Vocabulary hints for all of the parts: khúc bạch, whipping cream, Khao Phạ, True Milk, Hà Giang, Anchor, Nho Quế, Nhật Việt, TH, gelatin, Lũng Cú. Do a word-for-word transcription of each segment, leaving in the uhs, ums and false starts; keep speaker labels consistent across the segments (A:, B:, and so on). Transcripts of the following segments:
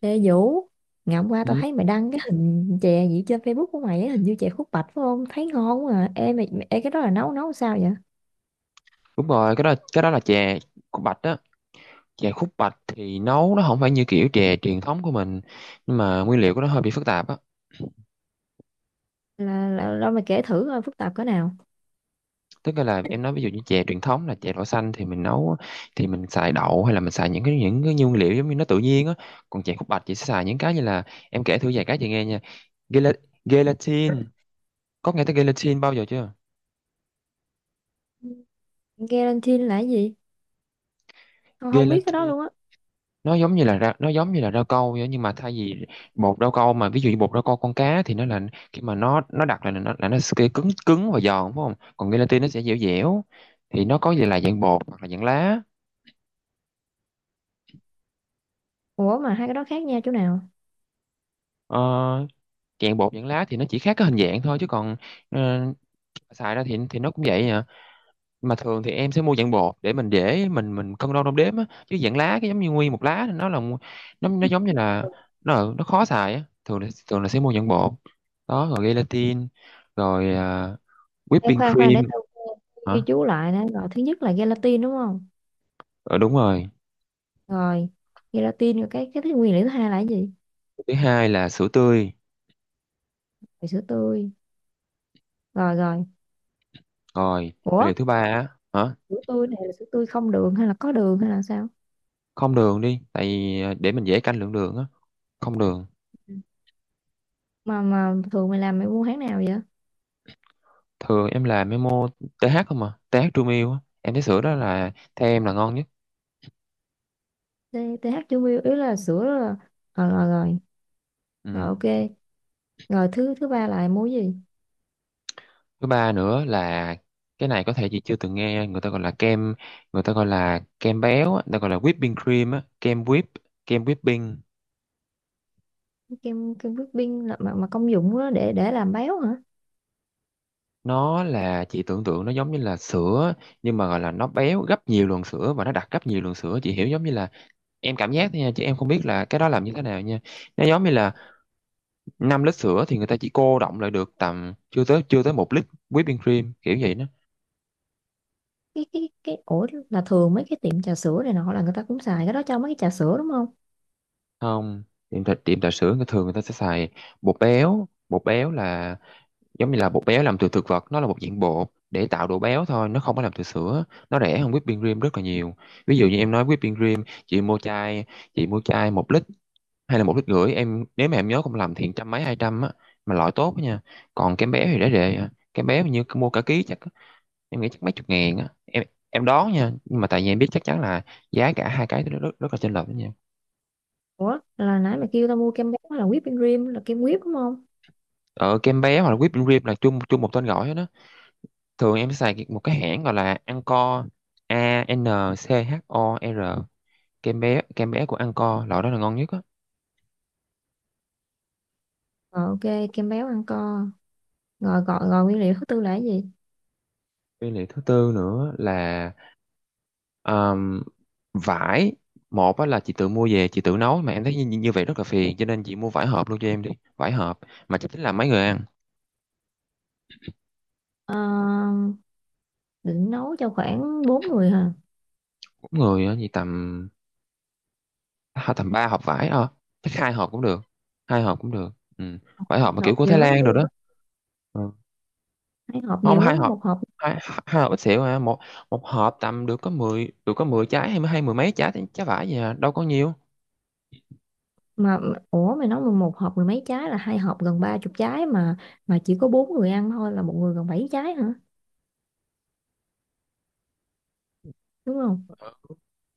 A: Ê Vũ, ngày hôm qua tao
B: Ừ,
A: thấy mày đăng cái hình chè gì trên Facebook của mày á, hình như chè khúc bạch phải không? Thấy ngon quá à. Ê, mày, mày- ê cái đó là nấu nấu sao vậy?
B: đúng rồi, cái đó cái đó là chè khúc bạch á. Chè khúc bạch thì nấu nó không phải như kiểu chè truyền thống của mình, nhưng mà nguyên liệu của nó hơi bị phức tạp á.
A: Là, là, là mày kể thử coi phức tạp cỡ nào.
B: Tức là em nói ví dụ như chè truyền thống là chè đậu xanh thì mình nấu thì mình xài đậu, hay là mình xài những cái những cái nguyên liệu giống như nó tự nhiên á. Còn chè khúc bạch chị sẽ xài những cái như là, em kể thử vài cái chị nghe nha. Gela- gelatin, có nghe tới gelatin bao giờ chưa?
A: Gelatin là cái gì? Tao không biết cái đó
B: Gelatin,
A: luôn á.
B: nó giống như là ra, nó giống như là rau câu vậy, nhưng mà thay vì bột rau câu, mà ví dụ như bột rau câu con cá thì nó là, khi mà nó nó đặc là nó là nó sẽ cứng cứng và giòn, đúng không, còn gelatin nó sẽ dẻo dẻo. Thì nó có gì là dạng bột hoặc là dạng lá.
A: Ủa mà hai cái đó khác nhau chỗ nào?
B: Ờ, dạng bột dạng lá thì nó chỉ khác cái hình dạng thôi, chứ còn ờ, xài ra thì thì nó cũng vậy à. Mà thường thì em sẽ mua dạng bột để mình dễ mình mình cân đo đong đếm á, chứ dạng lá cái giống như nguyên một lá thì nó là, nó nó giống như là, nó nó khó xài á. Thường là thường là sẽ mua dạng bột. Đó, rồi gelatin. Rồi à,
A: Ê,
B: whipping
A: khoan khoan để
B: cream.
A: tao ghi
B: Hả?
A: chú lại nè. Rồi thứ nhất là gelatin đúng không?
B: Ờ, đúng rồi.
A: Rồi, gelatin rồi cái cái thứ nguyên liệu thứ hai là cái gì?
B: Thứ hai là sữa tươi.
A: Rồi sữa tươi. Rồi rồi.
B: Rồi, nguyên
A: Ủa,
B: liệu thứ ba á hả?
A: sữa tươi này là sữa tươi không đường hay là có đường hay là sao?
B: Không đường đi, tại vì à, để mình dễ canh lượng đường á, không đường.
A: mà mà thường mày làm mày mua hãng nào vậy?
B: Thường em làm memo tê hát, không, mà tê hát True Milk á, em thấy sữa đó là theo em là ngon nhất.
A: T- tê hát chú Miu ý là sữa là rồi rồi rồi, rồi
B: Ừ.
A: ok, rồi thứ thứ ba là mua gì?
B: Thứ ba nữa là, cái này có thể chị chưa từng nghe, người ta gọi là kem người ta gọi là kem béo á, người ta gọi là whipping cream á, kem whip kem whipping.
A: Cái kem kem whipping là mà, mà công dụng đó để để làm béo hả?
B: Nó là, chị tưởng tượng nó giống như là sữa, nhưng mà gọi là nó béo gấp nhiều lần sữa và nó đặc gấp nhiều lần sữa. Chị hiểu, giống như là, em cảm giác thôi nha, chứ em không biết là cái đó làm như thế nào nha. Nó giống như là, năm lít sữa thì người ta chỉ cô đọng lại được tầm chưa tới chưa tới một lít whipping cream, kiểu vậy đó.
A: Cái cái cái ủa là thường mấy cái tiệm trà sữa này nọ là người ta cũng xài cái đó cho mấy cái trà sữa đúng không?
B: Không. Tiệm trà tiệm trà sữa người thường người ta sẽ xài bột béo bột béo là, giống như là bột béo làm từ thực vật, nó là một dạng bột để tạo độ béo thôi, nó không có làm từ sữa. Nó rẻ hơn whipping cream rất là nhiều. Ví dụ như em nói whipping cream, chị mua chai chị mua chai một lít hay là một lít rưỡi, em nếu mà em nhớ không lầm thì trăm mấy hai trăm á, mà loại tốt á nha. Còn kem béo thì rẻ rẻ à. Kem béo hình như mua cả ký, chắc em nghĩ chắc mấy chục ngàn á em. Em đoán nha, nhưng mà tại vì em biết chắc chắn là giá cả hai cái nó rất, rất là chênh lệch đó nha.
A: Ủa là nãy mày kêu tao mua kem béo là whipping cream là kem whip đúng không?
B: Ờ kem béo hoặc là whipping cream là chung chung một tên gọi hết đó. Thường em xài cái- một cái hãng gọi là Anchor, A N C H O R. kem bé kem bé của Anchor, loại đó là ngon nhất á.
A: Rồi ok, kem béo ăn co rồi, gọi rồi, nguyên liệu thứ tư là cái gì?
B: Với lại thứ tư nữa là um, vải. Một á là chị tự mua về chị tự nấu mà em thấy như, như vậy rất là phiền, cho nên chị mua vải hộp luôn cho em đi. Vải hộp, mà chắc tính là mấy người ăn,
A: Ờ, định nấu cho khoảng bốn người hả?
B: mỗi người á thì tầm à, tầm ba hộp vải, ờ chắc hai hộp cũng được, hai hộp cũng được. Ừ. Vải hộp
A: Khoảng
B: mà kiểu
A: nộp
B: của Thái
A: nhiều lắm
B: Lan rồi
A: luôn,
B: đó. Ừ.
A: hai hộp
B: Không,
A: nhiều
B: hai
A: lắm,
B: hộp.
A: một hộp
B: Hai, hai hộp ít xỉu à. Một một hộp tầm được có mười được có mười trái, hay mười- hay mười mấy trái trái vải gì, à đâu có nhiều.
A: mà. Ủa mày nói mà một hộp mười mấy trái là hai hộp gần ba chục trái mà. Mà chỉ có bốn người ăn thôi là một người gần bảy trái hả? Đúng không?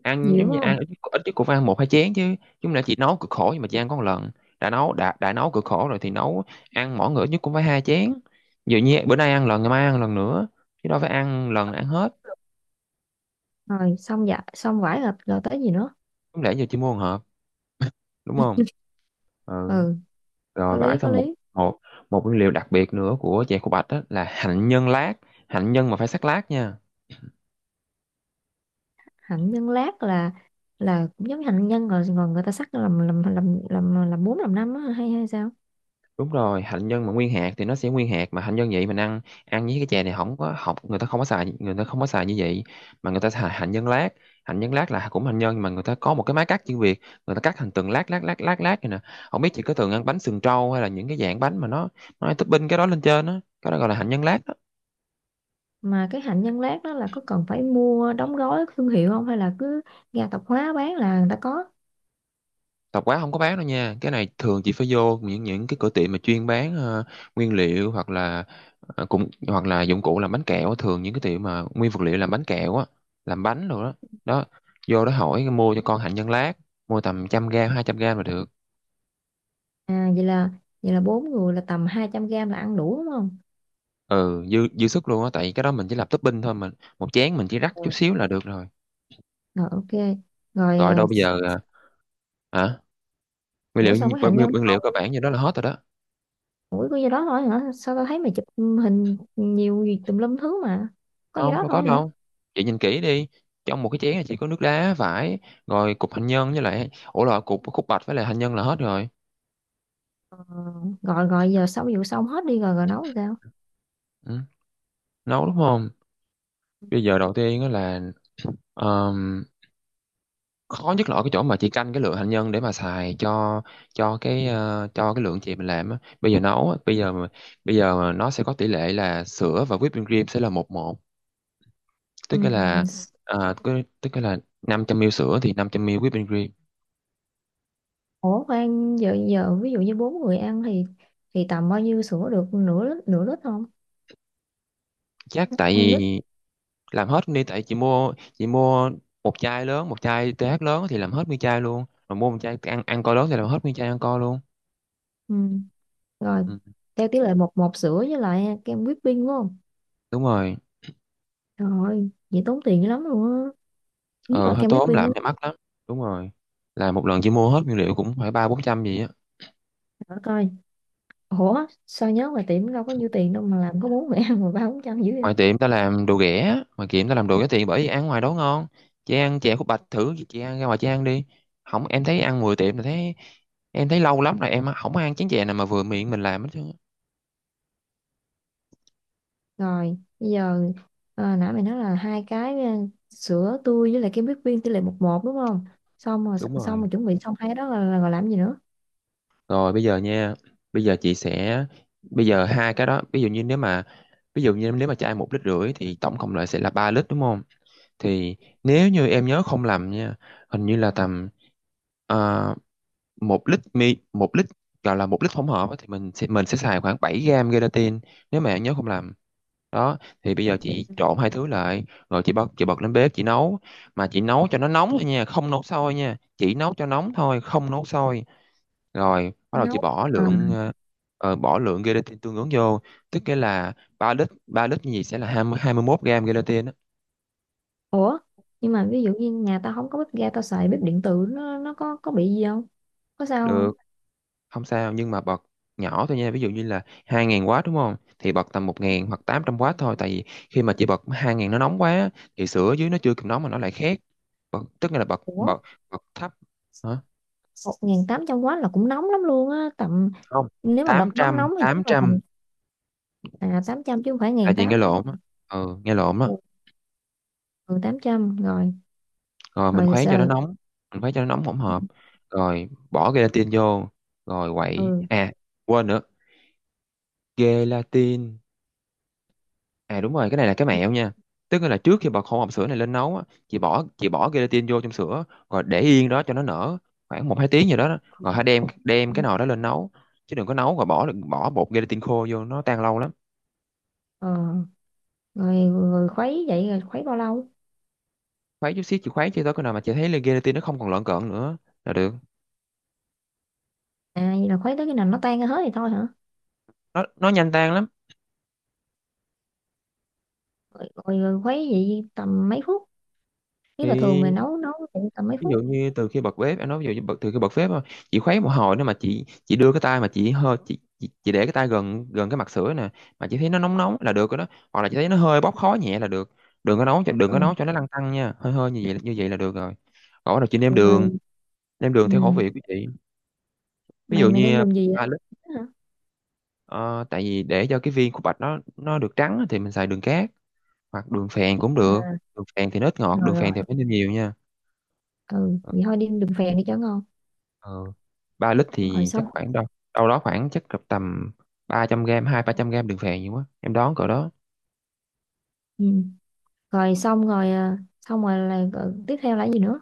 B: Ăn
A: Nhiều
B: giống
A: đúng
B: như ăn
A: không?
B: ít. Ít nhất cũng phải ăn một hai chén chứ. Chúng là chỉ nấu cực khổ nhưng mà chỉ ăn có một lần. Đã nấu đã đã nấu cực khổ rồi thì nấu, ăn mỗi người ít nhất cũng phải hai chén. Ví như bữa nay ăn lần, ngày mai ăn lần nữa, chứ đâu phải ăn lần ăn hết.
A: Rồi xong, dạ, xong vải là rồi tới gì nữa?
B: Không lẽ giờ chỉ mua một hộp, đúng không. Ừ.
A: Ừ,
B: Rồi
A: có
B: vải
A: lý có
B: xong. một
A: lý.
B: một một nguyên liệu đặc biệt nữa của chè khô bạch đó là hạnh nhân lát. Hạnh nhân mà phải sắc lát nha.
A: Hạnh nhân lát là là cũng giống như hạnh nhân rồi còn người ta sắc làm làm làm làm làm bốn làm năm á hay hay sao?
B: Đúng rồi, hạnh nhân mà nguyên hạt thì nó sẽ nguyên hạt, mà hạnh nhân vậy mình ăn ăn với cái chè này không có học, người ta không có xài, người ta không có xài như vậy, mà người ta xài hạnh nhân lát. Hạnh nhân lát là cũng hạnh nhân, nhưng mà người ta có một cái máy cắt chuyên biệt, người ta cắt thành từng lát lát lát lát lát này nè. Không biết chị có từng ăn bánh sừng trâu, hay là những cái dạng bánh mà nó nó topping cái đó lên trên á, cái đó gọi là hạnh nhân lát.
A: Mà cái hạnh nhân lát đó là có cần phải mua đóng gói thương hiệu không hay là cứ ga tạp hóa bán là người ta có?
B: Tạp hóa không có bán đâu nha, cái này thường chỉ phải vô những những cái cửa tiệm mà chuyên bán ờ, nguyên liệu, hoặc là ờ, cũng hoặc là dụng cụ làm bánh kẹo á. Thường những cái tiệm mà nguyên vật liệu làm bánh kẹo á, làm bánh rồi đó, đó, vô đó hỏi mua cho con hạnh nhân lát, mua tầm trăm gram hai trăm gram là được.
A: À vậy là vậy là bốn người là tầm hai trăm gram là ăn đủ đúng không?
B: Ừ, dư dư sức luôn á, tại cái đó mình chỉ làm topping thôi, mình một chén mình chỉ rắc
A: Ừ.
B: chút xíu là được rồi.
A: Rồi ok. Rồi
B: Gọi
A: à,
B: đâu bây
A: s-
B: giờ ờ, hả? nguyên
A: Ủa
B: liệu
A: sao cái hạnh
B: nguyên,
A: nhân nó
B: nguyên liệu
A: còn,
B: cơ bản như đó là hết rồi đó.
A: ủa có gì đó thôi hả? Sao tao thấy mày chụp hình nhiều gì tùm lum thứ mà. Có gì
B: Không,
A: đó
B: đâu có
A: thôi hả?
B: đâu, chị nhìn kỹ đi, trong một cái chén này chỉ có nước đá vải, rồi cục hành nhân với lại ủa là cục khúc bạch với lại hành nhân là hết rồi.
A: Ờ, rồi rồi giờ sau vụ xong hết đi rồi rồi nấu sao?
B: Ừ. Nấu, đúng không? Bây giờ đầu tiên á là ờm, khó nhất là ở cái chỗ mà chị canh cái lượng hành nhân để mà xài cho cho cái ờ, cho cái lượng chị mình làm á. Bây giờ nấu á, bây giờ mà- bây giờ mà nó sẽ có tỷ lệ là sữa và whipping cream sẽ là một một. tức
A: Ừm,
B: là
A: s-
B: ờ, cứ- tức là năm trăm mi li lít sữa thì năm trăm mi li lít whipping cream.
A: Ủa khoan giờ giờ ví dụ như bốn người ăn thì thì tầm bao nhiêu sữa được, nửa lít nửa lít không?
B: Chắc tại
A: Hai lít.
B: vì làm hết đi, tại chị mua chị mua một chai lớn, một chai tê hát lớn thì làm hết nguyên chai luôn, rồi mua một chai ăn ăn co lớn thì làm hết nguyên chai ăn co luôn.
A: Ừm, Rồi
B: ừ,
A: theo tỷ lệ một một sữa với lại kem whipping đúng không?
B: đúng rồi.
A: Trời ơi, vậy tốn tiền dữ lắm luôn á. Nhất
B: ờ
A: là
B: hơi
A: kem
B: tốn
A: whipping á.
B: làm mày mắc lắm, đúng rồi, là một lần chỉ mua hết nguyên liệu cũng phải ba bốn trăm gì á.
A: Trời coi, ủa sao nhớ mà tiệm đâu có nhiêu tiền đâu mà làm có bốn mẹ ăn mà ba bốn trăm dữ vậy?
B: Ngoài tiệm ta làm đồ ghẻ ngoài tiệm ta làm đồ ghẻ tiền, bởi vì ăn ngoài đó ngon. Chị ăn chè khúc bạch thử, chị ăn ra ngoài chị ăn đi, không em thấy ăn mười tiệm là thấy, em thấy lâu lắm rồi em không ăn chén chè nào mà vừa miệng mình làm hết trơn á.
A: Rồi bây giờ ờ, nãy mày nói là hai cái ờ, sữa tươi với lại cái bít viên tỷ lệ một một đúng không? Xong rồi
B: Đúng
A: xong
B: rồi.
A: rồi chuẩn bị xong hai cái đó là, là, là làm gì nữa?
B: Rồi bây giờ nha, bây giờ chị sẽ, bây giờ hai cái đó, ví dụ như nếu mà, ví dụ như nếu mà chai một lít rưỡi thì tổng cộng lại sẽ là ba lít, đúng không? Thì nếu như em nhớ không lầm nha, hình như là tầm ờ, một lít mi một lít gọi là một lít hỗn hợp á, thì mình sẽ mình sẽ xài khoảng bảy gram gelatin, nếu mà em nhớ không lầm. Đó, thì bây giờ chị trộn hai thứ lại, rồi chị bật, chị bật lên bếp chị nấu, mà chị nấu cho nó nóng thôi nha, không nấu sôi nha, chỉ nấu cho nóng thôi, không nấu sôi. Rồi bắt đầu chị
A: Nấu
B: bỏ
A: à?
B: lượng ờ, ờ, bỏ lượng gelatin tương ứng vô, tức nghĩa là ba lít, ba lít như vậy sẽ là hai hai mươi hai mươi hai mươi mốt gram gelatin á.
A: Ủa nhưng mà ví dụ như nhà tao không có bếp ga tao xài bếp điện tử nó nó có có bị gì không, có sao không?
B: Được. Không sao, nhưng mà bật nhỏ thôi nha, ví dụ như là hai nghìn w đúng không, thì bật tầm một nghìn hoặc tám trăm w thôi, tại vì khi mà chị bật hai nghìn nó nóng quá thì sữa ở dưới nó chưa kịp nóng mà nó lại khét. Bật, tức nghĩa là bật
A: Ủa
B: bật bật thấp. Hả?
A: một nghìn tám trăm quá là cũng nóng lắm luôn á, tầm
B: Không,
A: nếu mà đợt
B: tám
A: nóng
B: trăm,
A: nóng thì
B: tám
A: chắc là tầm
B: trăm,
A: à, tám trăm chứ không phải
B: tại chị nghe
A: một nghìn tám trăm
B: lộn á,
A: đúng
B: ừ, nghe lộn á.
A: không? Ừ, tám trăm rồi.
B: Rồi mình
A: Rồi
B: khuấy cho nó
A: sao?
B: nóng, mình khuấy cho nó nóng hỗn hợp, rồi bỏ gelatin vô rồi quậy.
A: Ừ,
B: À, quên nữa, gelatin. À đúng rồi, cái này là cái mẹo nha. Tức là trước khi bật hỗn hợp sữa này lên nấu á, chị bỏ chị bỏ gelatin vô trong sữa rồi để yên đó cho nó nở khoảng một hai tiếng gì đó. Đó, rồi hãy đem đem cái nồi đó lên nấu, chứ đừng có nấu rồi bỏ bỏ bột gelatin khô vô, nó tan lâu lắm.
A: ờ, rồi, rồi khuấy vậy rồi khuấy bao lâu?
B: Khuấy chút xíu, chị khuấy cho tới cái nào mà chị thấy là gelatin nó không còn lợn cợn nữa là được.
A: À vậy là khuấy tới khi nào nó tan ra hết thì thôi hả?
B: Nó nó nhanh tan lắm.
A: Rồi, rồi khuấy vậy tầm mấy phút, nếu là thường mày
B: Thì
A: nấu nấu vậy tầm mấy
B: ví dụ
A: phút?
B: như từ khi bật bếp, em nói ví dụ như bật từ khi bật bếp thôi, chị khuấy một hồi nữa mà chị chị đưa cái tay, mà chị hơi chị, chị chị để cái tay gần gần cái mặt sữa nè, mà chị thấy nó nóng nóng là được rồi đó. Hoặc là chị thấy nó hơi bốc khói nhẹ là được. đừng có nấu cho đừng có nấu
A: Ừ,
B: cho nó lăn tăn nha, hơi hơi như vậy, như vậy là được rồi. Còn bắt đầu chị nêm đường,
A: rồi.
B: nêm đường theo khẩu
A: Ừ.
B: vị của chị. Ví dụ
A: Mày mày đem
B: như
A: đường gì
B: ba
A: vậy?
B: lít,
A: Hả?
B: ờ, tại vì để cho cái viên của bạch nó nó được trắng á, thì mình xài đường cát hoặc đường phèn cũng được.
A: À,
B: Đường phèn thì nó ít ngọt,
A: rồi
B: đường phèn
A: rồi.
B: thì phải nêm nhiều nha.
A: Ừ vậy thôi đem đường phèn đi cho ngon.
B: Ờ, ba lít
A: Rồi
B: thì chắc
A: xong.
B: khoảng đâu đâu đó, khoảng chắc cỡ tầm ba trăm gram, hai ba trăm gram đường phèn, nhiều quá, em đoán cỡ đó.
A: Ừ. Rồi xong rồi à, xong rồi là rồi tiếp theo là cái gì nữa?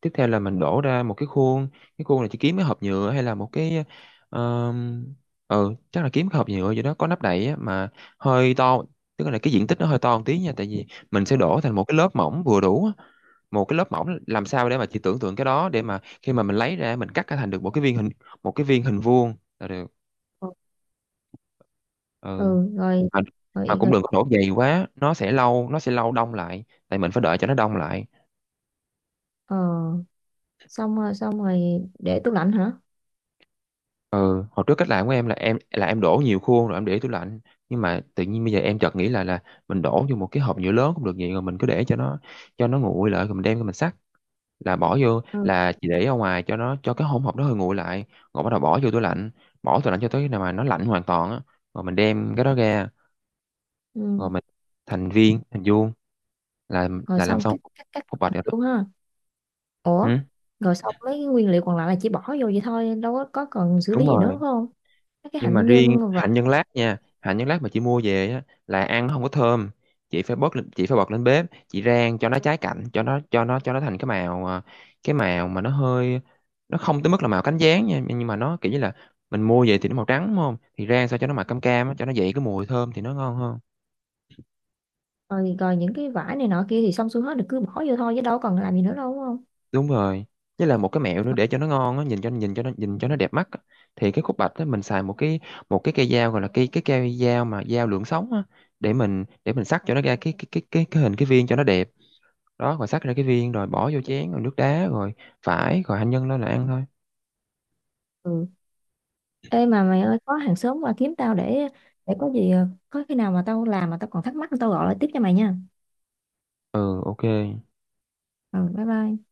B: Tiếp theo là mình đổ ra một cái khuôn. Cái khuôn này chỉ kiếm cái hộp nhựa hay là một cái, ờ, ừ chắc là kiếm cái hộp nhựa gì đó có nắp đậy á, mà hơi to. Tức là cái diện tích nó hơi to một tí nha, tại vì mình sẽ đổ thành một cái lớp mỏng vừa đủ á. Một cái lớp mỏng làm sao để mà chị tưởng tượng cái đó, để mà khi mà mình lấy ra mình cắt ra thành được một cái viên hình một cái viên hình vuông là được.
A: Ừ.
B: Ừ,
A: Rồi. Rồi,
B: mà, mà cũng
A: rồi.
B: đừng có đổ dày quá, nó sẽ lâu nó sẽ lâu đông lại, tại mình phải đợi cho nó đông lại.
A: Ờ, xong rồi xong rồi để tủ lạnh hả?
B: Ừ hồi trước cách làm của em là em là em đổ nhiều khuôn rồi em để tủ lạnh, nhưng mà tự nhiên bây giờ em chợt nghĩ là là mình đổ vô một cái hộp nhựa lớn cũng được vậy, rồi mình cứ để cho nó cho nó nguội lại rồi mình đem ra mình xắt. Là bỏ vô,
A: Ừ.
B: là chỉ để ở ngoài cho nó cho cái hỗn hợp đó hơi nguội lại, rồi bắt đầu bỏ vô tủ lạnh, bỏ tủ lạnh cho tới khi nào mà nó lạnh hoàn toàn á, rồi mình đem cái đó ra
A: Ừ.
B: rồi mình thành viên, thành vuông là
A: Rồi
B: là làm
A: xong
B: xong
A: cắt cắt cắt
B: cục bạch rồi đó.
A: luôn ha.
B: Ừ,
A: Ủa rồi xong mấy cái nguyên liệu còn lại là chỉ bỏ vô vậy thôi đâu có, có cần xử lý
B: đúng
A: gì nữa
B: rồi.
A: phải không? Mấy cái
B: Nhưng mà
A: hạnh
B: riêng
A: nhân và
B: hạnh nhân lát nha, hạnh nhân lát mà chị mua về á, là ăn nó không có thơm. chị phải bớt lên- chị phải bật lên bếp chị rang cho nó cháy cạnh, cho nó, cho nó cho nó thành cái màu, à, cái màu mà nó hơi, nó không tới mức là màu cánh gián nha, nhưng mà nó kiểu như là mình mua về thì nó màu trắng đúng không, thì rang sao cho nó màu cam cam á, cho nó dậy cái mùi thơm thì nó ngon hơn.
A: rồi, rồi những cái vải này nọ kia thì xong xuôi hết rồi cứ bỏ vô thôi chứ đâu còn làm gì nữa đâu đúng không?
B: Đúng rồi. Với là một cái mẹo nữa để cho nó ngon á, nhìn cho nhìn cho nó nhìn cho nó đẹp mắt á, thì cái khúc bạch á mình xài một cái một cái cây dao, gọi là cái cái cây dao mà dao lưỡi sống á, để mình để mình sắc cho nó ra cái cái cái cái, cái hình, cái viên cho nó đẹp. Đó, rồi sắc ra cái viên rồi bỏ vô chén rồi nước đá, rồi phải rồi hành nhân lên là ăn thôi.
A: Ừ, ê mà mày ơi có hàng xóm qua kiếm tao để để có gì có khi nào mà tao làm mà tao còn thắc mắc tao gọi lại tiếp cho mày nha.
B: Ừ, ok.
A: Ừ bye bye.